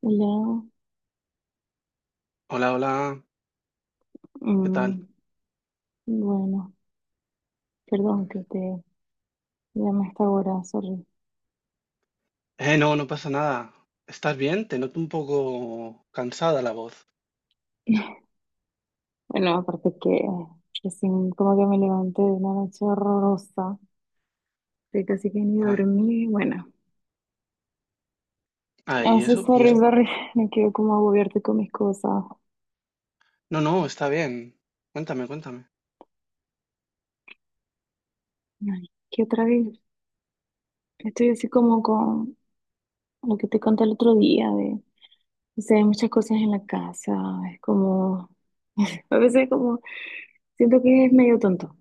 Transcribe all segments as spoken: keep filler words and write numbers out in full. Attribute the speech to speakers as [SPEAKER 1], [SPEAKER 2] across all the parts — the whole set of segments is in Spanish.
[SPEAKER 1] Hola,
[SPEAKER 2] Hola, hola, ¿qué tal?
[SPEAKER 1] mm, bueno, perdón que te llame a esta hora, sorry.
[SPEAKER 2] Eh, no, no pasa nada. ¿Estás bien? Te noto un poco cansada la voz.
[SPEAKER 1] Bueno, aparte que recién como que me levanté de una noche horrorosa, que casi que ni
[SPEAKER 2] Ay,
[SPEAKER 1] dormí, bueno.
[SPEAKER 2] ay,
[SPEAKER 1] Ah,
[SPEAKER 2] ¿y
[SPEAKER 1] sí,
[SPEAKER 2] eso? ¿Y
[SPEAKER 1] sorry,
[SPEAKER 2] eso?
[SPEAKER 1] sorry, me quiero como agobiarte con mis cosas.
[SPEAKER 2] No, no, está bien. Cuéntame, cuéntame.
[SPEAKER 1] Ay, que otra vez estoy así como con lo que te conté el otro día de, o sea, hay muchas cosas en la casa, es como, a veces como siento que es medio tonto.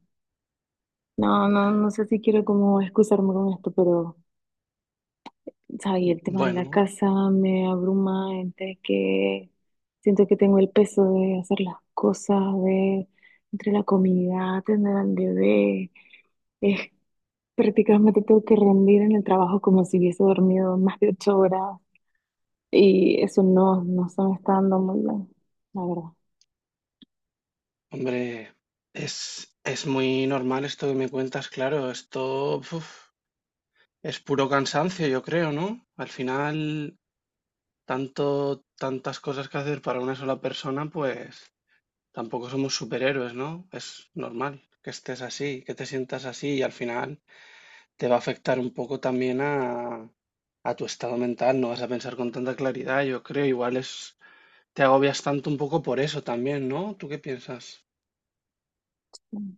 [SPEAKER 1] No, no, no sé si quiero como excusarme con esto, pero, ¿sabes? El tema de la
[SPEAKER 2] Bueno,
[SPEAKER 1] casa me abruma, entre que siento que tengo el peso de hacer las cosas, de entre la comida, tener al bebé, es prácticamente tengo que rendir en el trabajo como si hubiese dormido más de ocho horas y eso no, no se me está dando muy bien, la verdad.
[SPEAKER 2] hombre, es, es muy normal esto que me cuentas, claro. Esto uf, es puro cansancio, yo creo, ¿no? Al final, tanto, tantas cosas que hacer para una sola persona, pues tampoco somos superhéroes, ¿no? Es normal que estés así, que te sientas así y al final te va a afectar un poco también a, a tu estado mental, no vas a pensar con tanta claridad, yo creo, igual es, te agobias tanto un poco por eso también, ¿no? ¿Tú qué piensas?
[SPEAKER 1] Mm,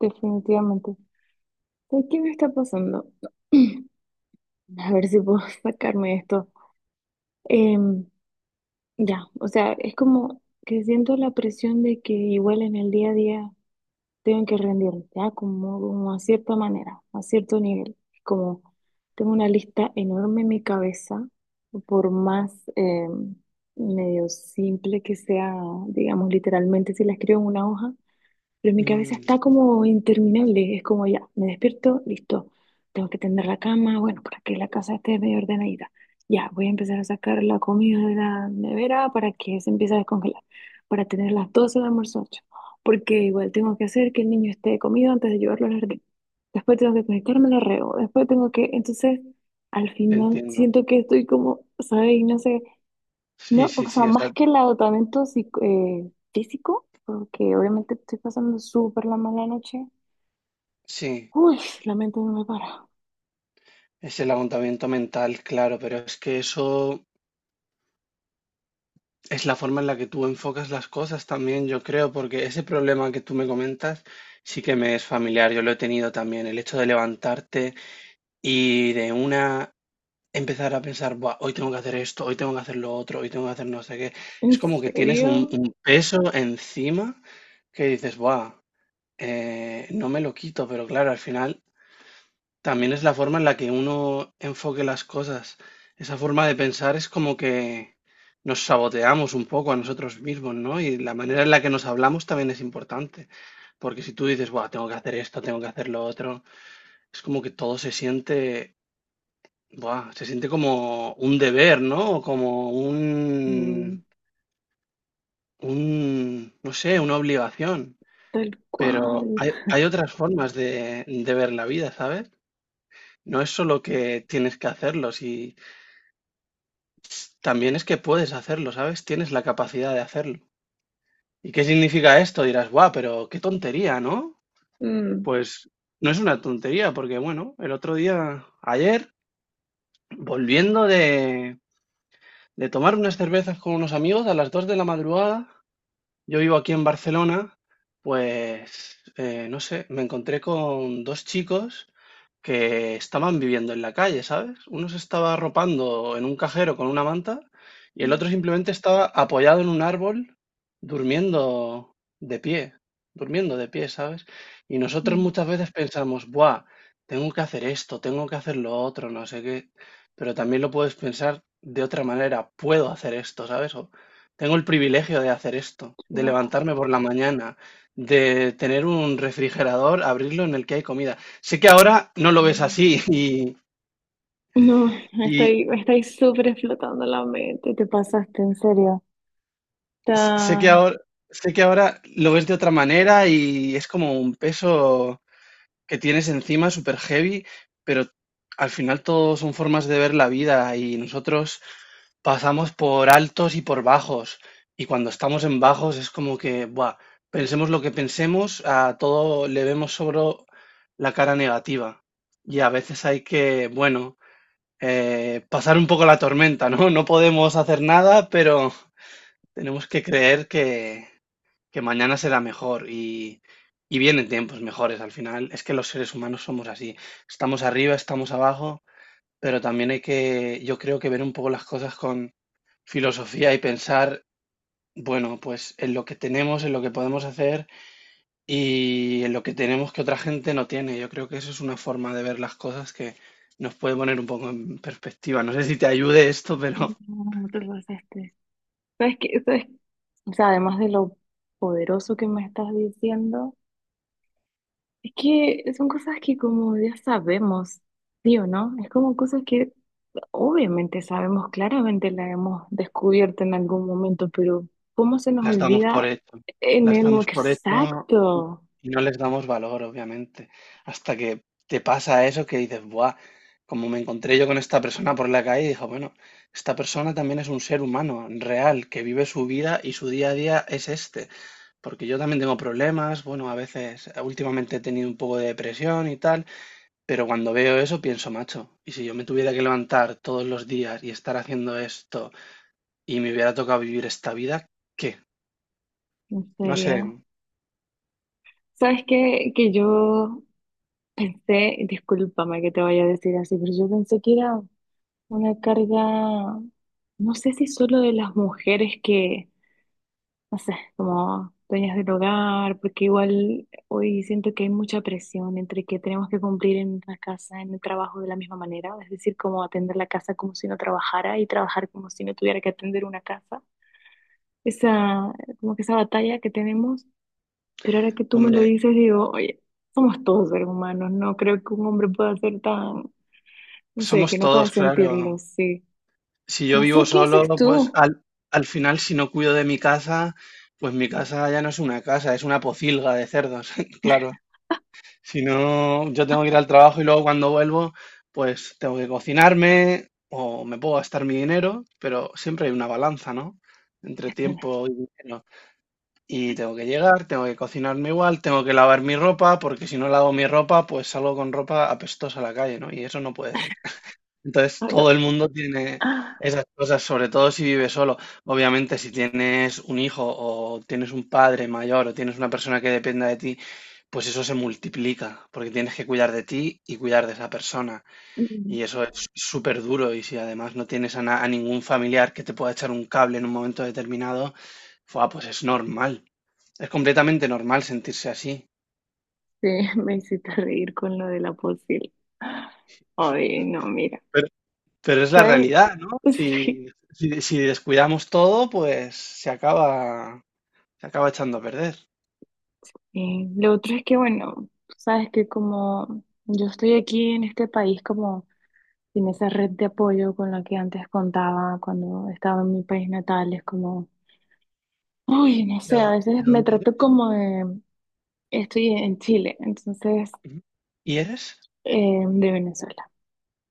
[SPEAKER 1] definitivamente. ¿Sabes? ¿Qué me está pasando? A ver si puedo sacarme esto. Em, Ya, o sea, es como que siento la presión de que igual en el día a día tengo que rendir, ya, como, como a cierta manera, a cierto nivel. Como tengo una lista enorme en mi cabeza, por más eh, medio simple que sea, digamos, literalmente si la escribo en una hoja, pero mi cabeza
[SPEAKER 2] Mm,
[SPEAKER 1] está como interminable, es como ya, me despierto, listo, tengo que tender la cama, bueno, para que la casa esté medio ordenadita. Ya, voy a empezar a sacar la comida de la nevera para que se empiece a descongelar, para tener las doce de almuerzo hecho, porque igual tengo que hacer que el niño esté comido antes de llevarlo al jardín. Después tengo que conectarme al arreo, después tengo que, entonces, al
[SPEAKER 2] te
[SPEAKER 1] final
[SPEAKER 2] entiendo.
[SPEAKER 1] siento que estoy como, ¿sabes? Y no sé.
[SPEAKER 2] Sí,
[SPEAKER 1] No,
[SPEAKER 2] sí,
[SPEAKER 1] o sea,
[SPEAKER 2] sí, o sea,
[SPEAKER 1] más que el agotamiento psico- eh, físico, porque obviamente estoy pasando súper la mala noche.
[SPEAKER 2] sí,
[SPEAKER 1] Uy, la mente no me para.
[SPEAKER 2] es el agotamiento mental, claro, pero es que eso es la forma en la que tú enfocas las cosas también, yo creo, porque ese problema que tú me comentas sí que me es familiar, yo lo he tenido también, el hecho de levantarte y de una empezar a pensar: "Buah, hoy tengo que hacer esto, hoy tengo que hacer lo otro, hoy tengo que hacer no sé qué". Es
[SPEAKER 1] ¿En
[SPEAKER 2] como que tienes un
[SPEAKER 1] serio?
[SPEAKER 2] un peso encima que dices: "Buah, eh, no me lo quito". Pero claro, al final también es la forma en la que uno enfoque las cosas. Esa forma de pensar es como que nos saboteamos un poco a nosotros mismos, ¿no? Y la manera en la que nos hablamos también es importante, porque si tú dices: "Buah, tengo que hacer esto, tengo que hacer lo otro", es como que todo se siente buah, se siente como un deber, ¿no? Como un,
[SPEAKER 1] Mm,
[SPEAKER 2] un, no sé, una obligación.
[SPEAKER 1] tal
[SPEAKER 2] Pero
[SPEAKER 1] cual.
[SPEAKER 2] hay, hay otras formas de, de ver la vida, ¿sabes? No es solo que tienes que hacerlo, si también es que puedes hacerlo, ¿sabes? Tienes la capacidad de hacerlo. ¿Y qué significa esto? Dirás, guau, pero qué tontería, ¿no?
[SPEAKER 1] Mm,
[SPEAKER 2] Pues no es una tontería, porque bueno, el otro día, ayer, volviendo de, de tomar unas cervezas con unos amigos a las dos de la madrugada, yo vivo aquí en Barcelona, pues eh, no sé, me encontré con dos chicos que estaban viviendo en la calle, ¿sabes? Uno se estaba arropando en un cajero con una manta y el otro
[SPEAKER 1] mm,
[SPEAKER 2] simplemente estaba apoyado en un árbol durmiendo de pie, durmiendo de pie, ¿sabes? Y nosotros
[SPEAKER 1] mm,
[SPEAKER 2] muchas veces pensamos, buah, tengo que hacer esto, tengo que hacer lo otro, no sé qué, pero también lo puedes pensar de otra manera, puedo hacer esto, ¿sabes? Tengo el privilegio de hacer esto, de
[SPEAKER 1] wow.
[SPEAKER 2] levantarme por la mañana, de tener un refrigerador, abrirlo en el que hay comida. Sé que ahora no lo ves
[SPEAKER 1] Mm.
[SPEAKER 2] así y,
[SPEAKER 1] No,
[SPEAKER 2] y
[SPEAKER 1] estoy, estoy súper explotando la mente. Te pasaste, en serio.
[SPEAKER 2] sé que
[SPEAKER 1] Está...
[SPEAKER 2] ahora, sé que ahora lo ves de otra manera y es como un peso que tienes encima super heavy, pero al final todo son formas de ver la vida y nosotros pasamos por altos y por bajos. Y cuando estamos en bajos es como que, buah, pensemos lo que pensemos, a todo le vemos sobre la cara negativa. Y a veces hay que, bueno, eh, pasar un poco la tormenta, ¿no? No podemos hacer nada, pero tenemos que creer que, que mañana será mejor y, y vienen tiempos mejores al final. Es que los seres humanos somos así. Estamos arriba, estamos abajo, pero también hay que, yo creo que ver un poco las cosas con filosofía y pensar, bueno, pues en lo que tenemos, en lo que podemos hacer y en lo que tenemos que otra gente no tiene. Yo creo que eso es una forma de ver las cosas que nos puede poner un poco en perspectiva. No sé si te ayude esto, pero
[SPEAKER 1] No, te pasaste. ¿Sabes qué? ¿Sabes? O sea, además de lo poderoso que me estás diciendo. Es que son cosas que como ya sabemos, ¿sí o no? Es como cosas que obviamente sabemos, claramente la hemos descubierto en algún momento, pero ¿cómo se nos
[SPEAKER 2] las damos por
[SPEAKER 1] olvida
[SPEAKER 2] hecho,
[SPEAKER 1] en
[SPEAKER 2] las
[SPEAKER 1] el lo
[SPEAKER 2] damos por hecho y
[SPEAKER 1] exacto?
[SPEAKER 2] y no les damos valor, obviamente, hasta que te pasa eso que dices, ¡buah! Como me encontré yo con esta persona por la calle, dijo, bueno, esta persona también es un ser humano real, que vive su vida y su día a día es este. Porque yo también tengo problemas, bueno, a veces, eh, últimamente he tenido un poco de depresión y tal, pero cuando veo eso pienso, macho, y si yo me tuviera que levantar todos los días y estar haciendo esto y me hubiera tocado vivir esta vida, ¿qué?
[SPEAKER 1] En
[SPEAKER 2] No sé.
[SPEAKER 1] serio. ¿Sabes qué? Que yo pensé, discúlpame que te vaya a decir así, pero yo pensé que era una carga, no sé si solo de las mujeres que no sé, como dueñas del hogar, porque igual hoy siento que hay mucha presión entre que tenemos que cumplir en la casa, en el trabajo de la misma manera, es decir, como atender la casa como si no trabajara y trabajar como si no tuviera que atender una casa. Esa, como que esa batalla que tenemos, pero ahora que tú me lo
[SPEAKER 2] Hombre,
[SPEAKER 1] dices, digo, oye, somos todos seres humanos, no creo que un hombre pueda ser tan, no sé, que
[SPEAKER 2] somos
[SPEAKER 1] no
[SPEAKER 2] todos,
[SPEAKER 1] pueda
[SPEAKER 2] claro.
[SPEAKER 1] sentirlo, sí.
[SPEAKER 2] Si yo
[SPEAKER 1] No
[SPEAKER 2] vivo
[SPEAKER 1] sé qué
[SPEAKER 2] solo,
[SPEAKER 1] haces
[SPEAKER 2] pues
[SPEAKER 1] tú.
[SPEAKER 2] al, al final si no cuido de mi casa, pues mi casa ya no es una casa, es una pocilga de cerdos, claro. Si no, yo tengo que ir al trabajo y luego cuando vuelvo, pues tengo que cocinarme o me puedo gastar mi dinero, pero siempre hay una balanza, ¿no? Entre tiempo y dinero. Y tengo que llegar, tengo que cocinarme igual, tengo que lavar mi ropa, porque si no lavo mi ropa, pues salgo con ropa apestosa a la calle, ¿no? Y eso no puede ser. Entonces,
[SPEAKER 1] Ah,
[SPEAKER 2] todo el mundo tiene
[SPEAKER 1] ah,
[SPEAKER 2] esas cosas, sobre todo si vive solo. Obviamente, si tienes un hijo o tienes un padre mayor o tienes una persona que dependa de ti, pues eso se multiplica, porque tienes que cuidar de ti y cuidar de esa persona. Y
[SPEAKER 1] mm.
[SPEAKER 2] eso es súper duro. Y si además no tienes a, na- a ningún familiar que te pueda echar un cable en un momento determinado, fua, pues es normal. Es completamente normal sentirse así.
[SPEAKER 1] Sí, me hiciste reír con lo de la posible. Ay, no, mira,
[SPEAKER 2] Pero, pero es la
[SPEAKER 1] ¿sabes?
[SPEAKER 2] realidad, ¿no?
[SPEAKER 1] Sí.
[SPEAKER 2] Si, si, si descuidamos todo, pues se acaba. Se acaba echando a perder.
[SPEAKER 1] Eh, lo otro es que, bueno, tú sabes que como yo estoy aquí en este país como sin esa red de apoyo con la que antes contaba cuando estaba en mi país natal, es como, uy, no
[SPEAKER 2] ¿De
[SPEAKER 1] sé, a
[SPEAKER 2] dónde, de
[SPEAKER 1] veces me
[SPEAKER 2] dónde eres?
[SPEAKER 1] trato como de, estoy en Chile, entonces,
[SPEAKER 2] Ujú. ¿Y eres?
[SPEAKER 1] eh, de Venezuela.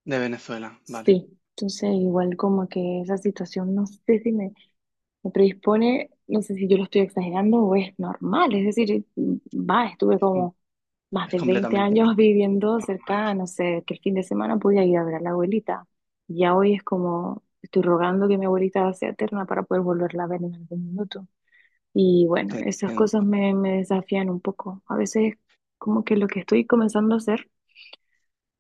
[SPEAKER 2] De Venezuela, vale.
[SPEAKER 1] Sí, entonces igual como que esa situación, no sé si me... me predispone, no sé si yo lo estoy exagerando o es normal, es decir, va, estuve
[SPEAKER 2] Es, com-
[SPEAKER 1] como más
[SPEAKER 2] es
[SPEAKER 1] de veinte
[SPEAKER 2] completamente no-
[SPEAKER 1] años viviendo
[SPEAKER 2] normal,
[SPEAKER 1] cerca, no sé, que el fin de semana podía ir a ver a la abuelita. Ya hoy es como, estoy rogando que mi abuelita sea eterna para poder volverla a ver en algún minuto. Y bueno,
[SPEAKER 2] te
[SPEAKER 1] esas cosas
[SPEAKER 2] entiendo.
[SPEAKER 1] me, me desafían un poco. A veces como que lo que estoy comenzando a hacer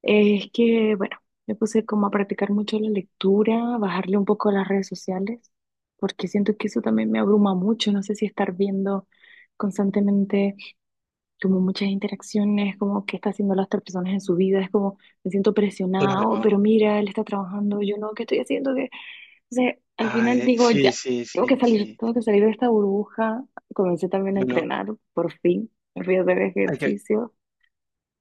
[SPEAKER 1] es que, bueno, me puse como a practicar mucho la lectura, bajarle un poco las redes sociales, porque siento que eso también me abruma mucho. No sé si estar viendo constantemente como muchas interacciones, como qué está haciendo las otras personas en su vida, es como me siento presionada, "Oh,
[SPEAKER 2] Claro.
[SPEAKER 1] pero mira, él está trabajando, yo no, ¿qué estoy haciendo? Que O sea, al final
[SPEAKER 2] Ay,
[SPEAKER 1] digo,
[SPEAKER 2] sí,
[SPEAKER 1] ya,
[SPEAKER 2] sí,
[SPEAKER 1] tengo
[SPEAKER 2] sí,
[SPEAKER 1] que salir,
[SPEAKER 2] sí.
[SPEAKER 1] tengo que salir de esta burbuja. Comencé también a
[SPEAKER 2] Bueno,
[SPEAKER 1] entrenar, por fin, me fui a hacer
[SPEAKER 2] hay que,
[SPEAKER 1] ejercicio.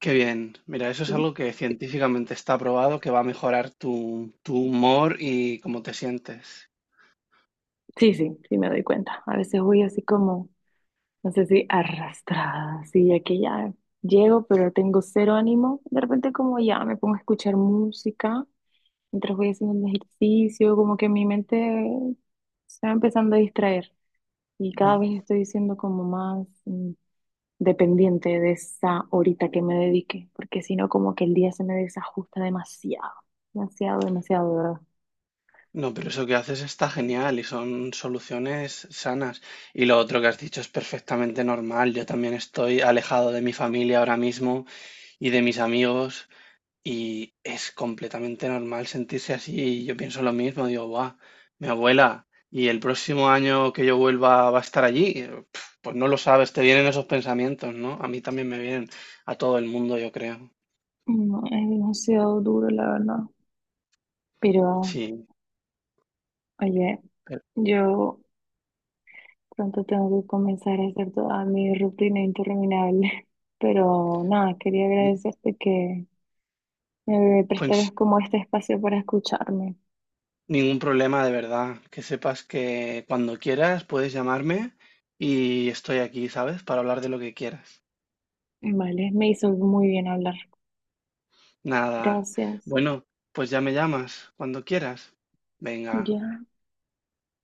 [SPEAKER 2] qué bien. Mira, eso es algo que científicamente está probado que va a mejorar tu, tu humor y cómo te sientes.
[SPEAKER 1] Sí, sí, sí me doy cuenta. A veces voy así como, no sé si arrastrada, así ya que ya llego, pero tengo cero ánimo. De repente como ya me pongo a escuchar música mientras voy haciendo un ejercicio, como que mi mente se va empezando a distraer y cada
[SPEAKER 2] Ujú.
[SPEAKER 1] vez estoy siendo como más mm, dependiente de esa horita que me dedique, porque si no como que el día se me desajusta demasiado, demasiado, demasiado, de verdad.
[SPEAKER 2] No, pero eso que haces está genial y son soluciones sanas. Y lo otro que has dicho es perfectamente normal. Yo también estoy alejado de mi familia ahora mismo y de mis amigos y es completamente normal sentirse así. Y yo pienso lo mismo, digo, guau, mi abuela, y el próximo año que yo vuelva va a estar allí. Y, pf, Pues no lo sabes, te vienen esos pensamientos, ¿no? A mí también me vienen, a todo el mundo, yo creo.
[SPEAKER 1] No, es demasiado duro, la verdad. Pero...
[SPEAKER 2] Sí,
[SPEAKER 1] Oye,
[SPEAKER 2] pero,
[SPEAKER 1] yo pronto tengo que comenzar a hacer toda mi rutina interminable, pero nada, quería
[SPEAKER 2] mm,
[SPEAKER 1] agradecerte que me prestaras
[SPEAKER 2] pues
[SPEAKER 1] como este espacio para escucharme.
[SPEAKER 2] ningún problema de verdad. Que sepas que cuando quieras puedes llamarme y estoy aquí, ¿sabes? Para hablar de lo que quieras.
[SPEAKER 1] Vale, me hizo muy bien hablar.
[SPEAKER 2] Nada.
[SPEAKER 1] Gracias.
[SPEAKER 2] Bueno, pues ya me llamas cuando quieras. Venga.
[SPEAKER 1] Ya.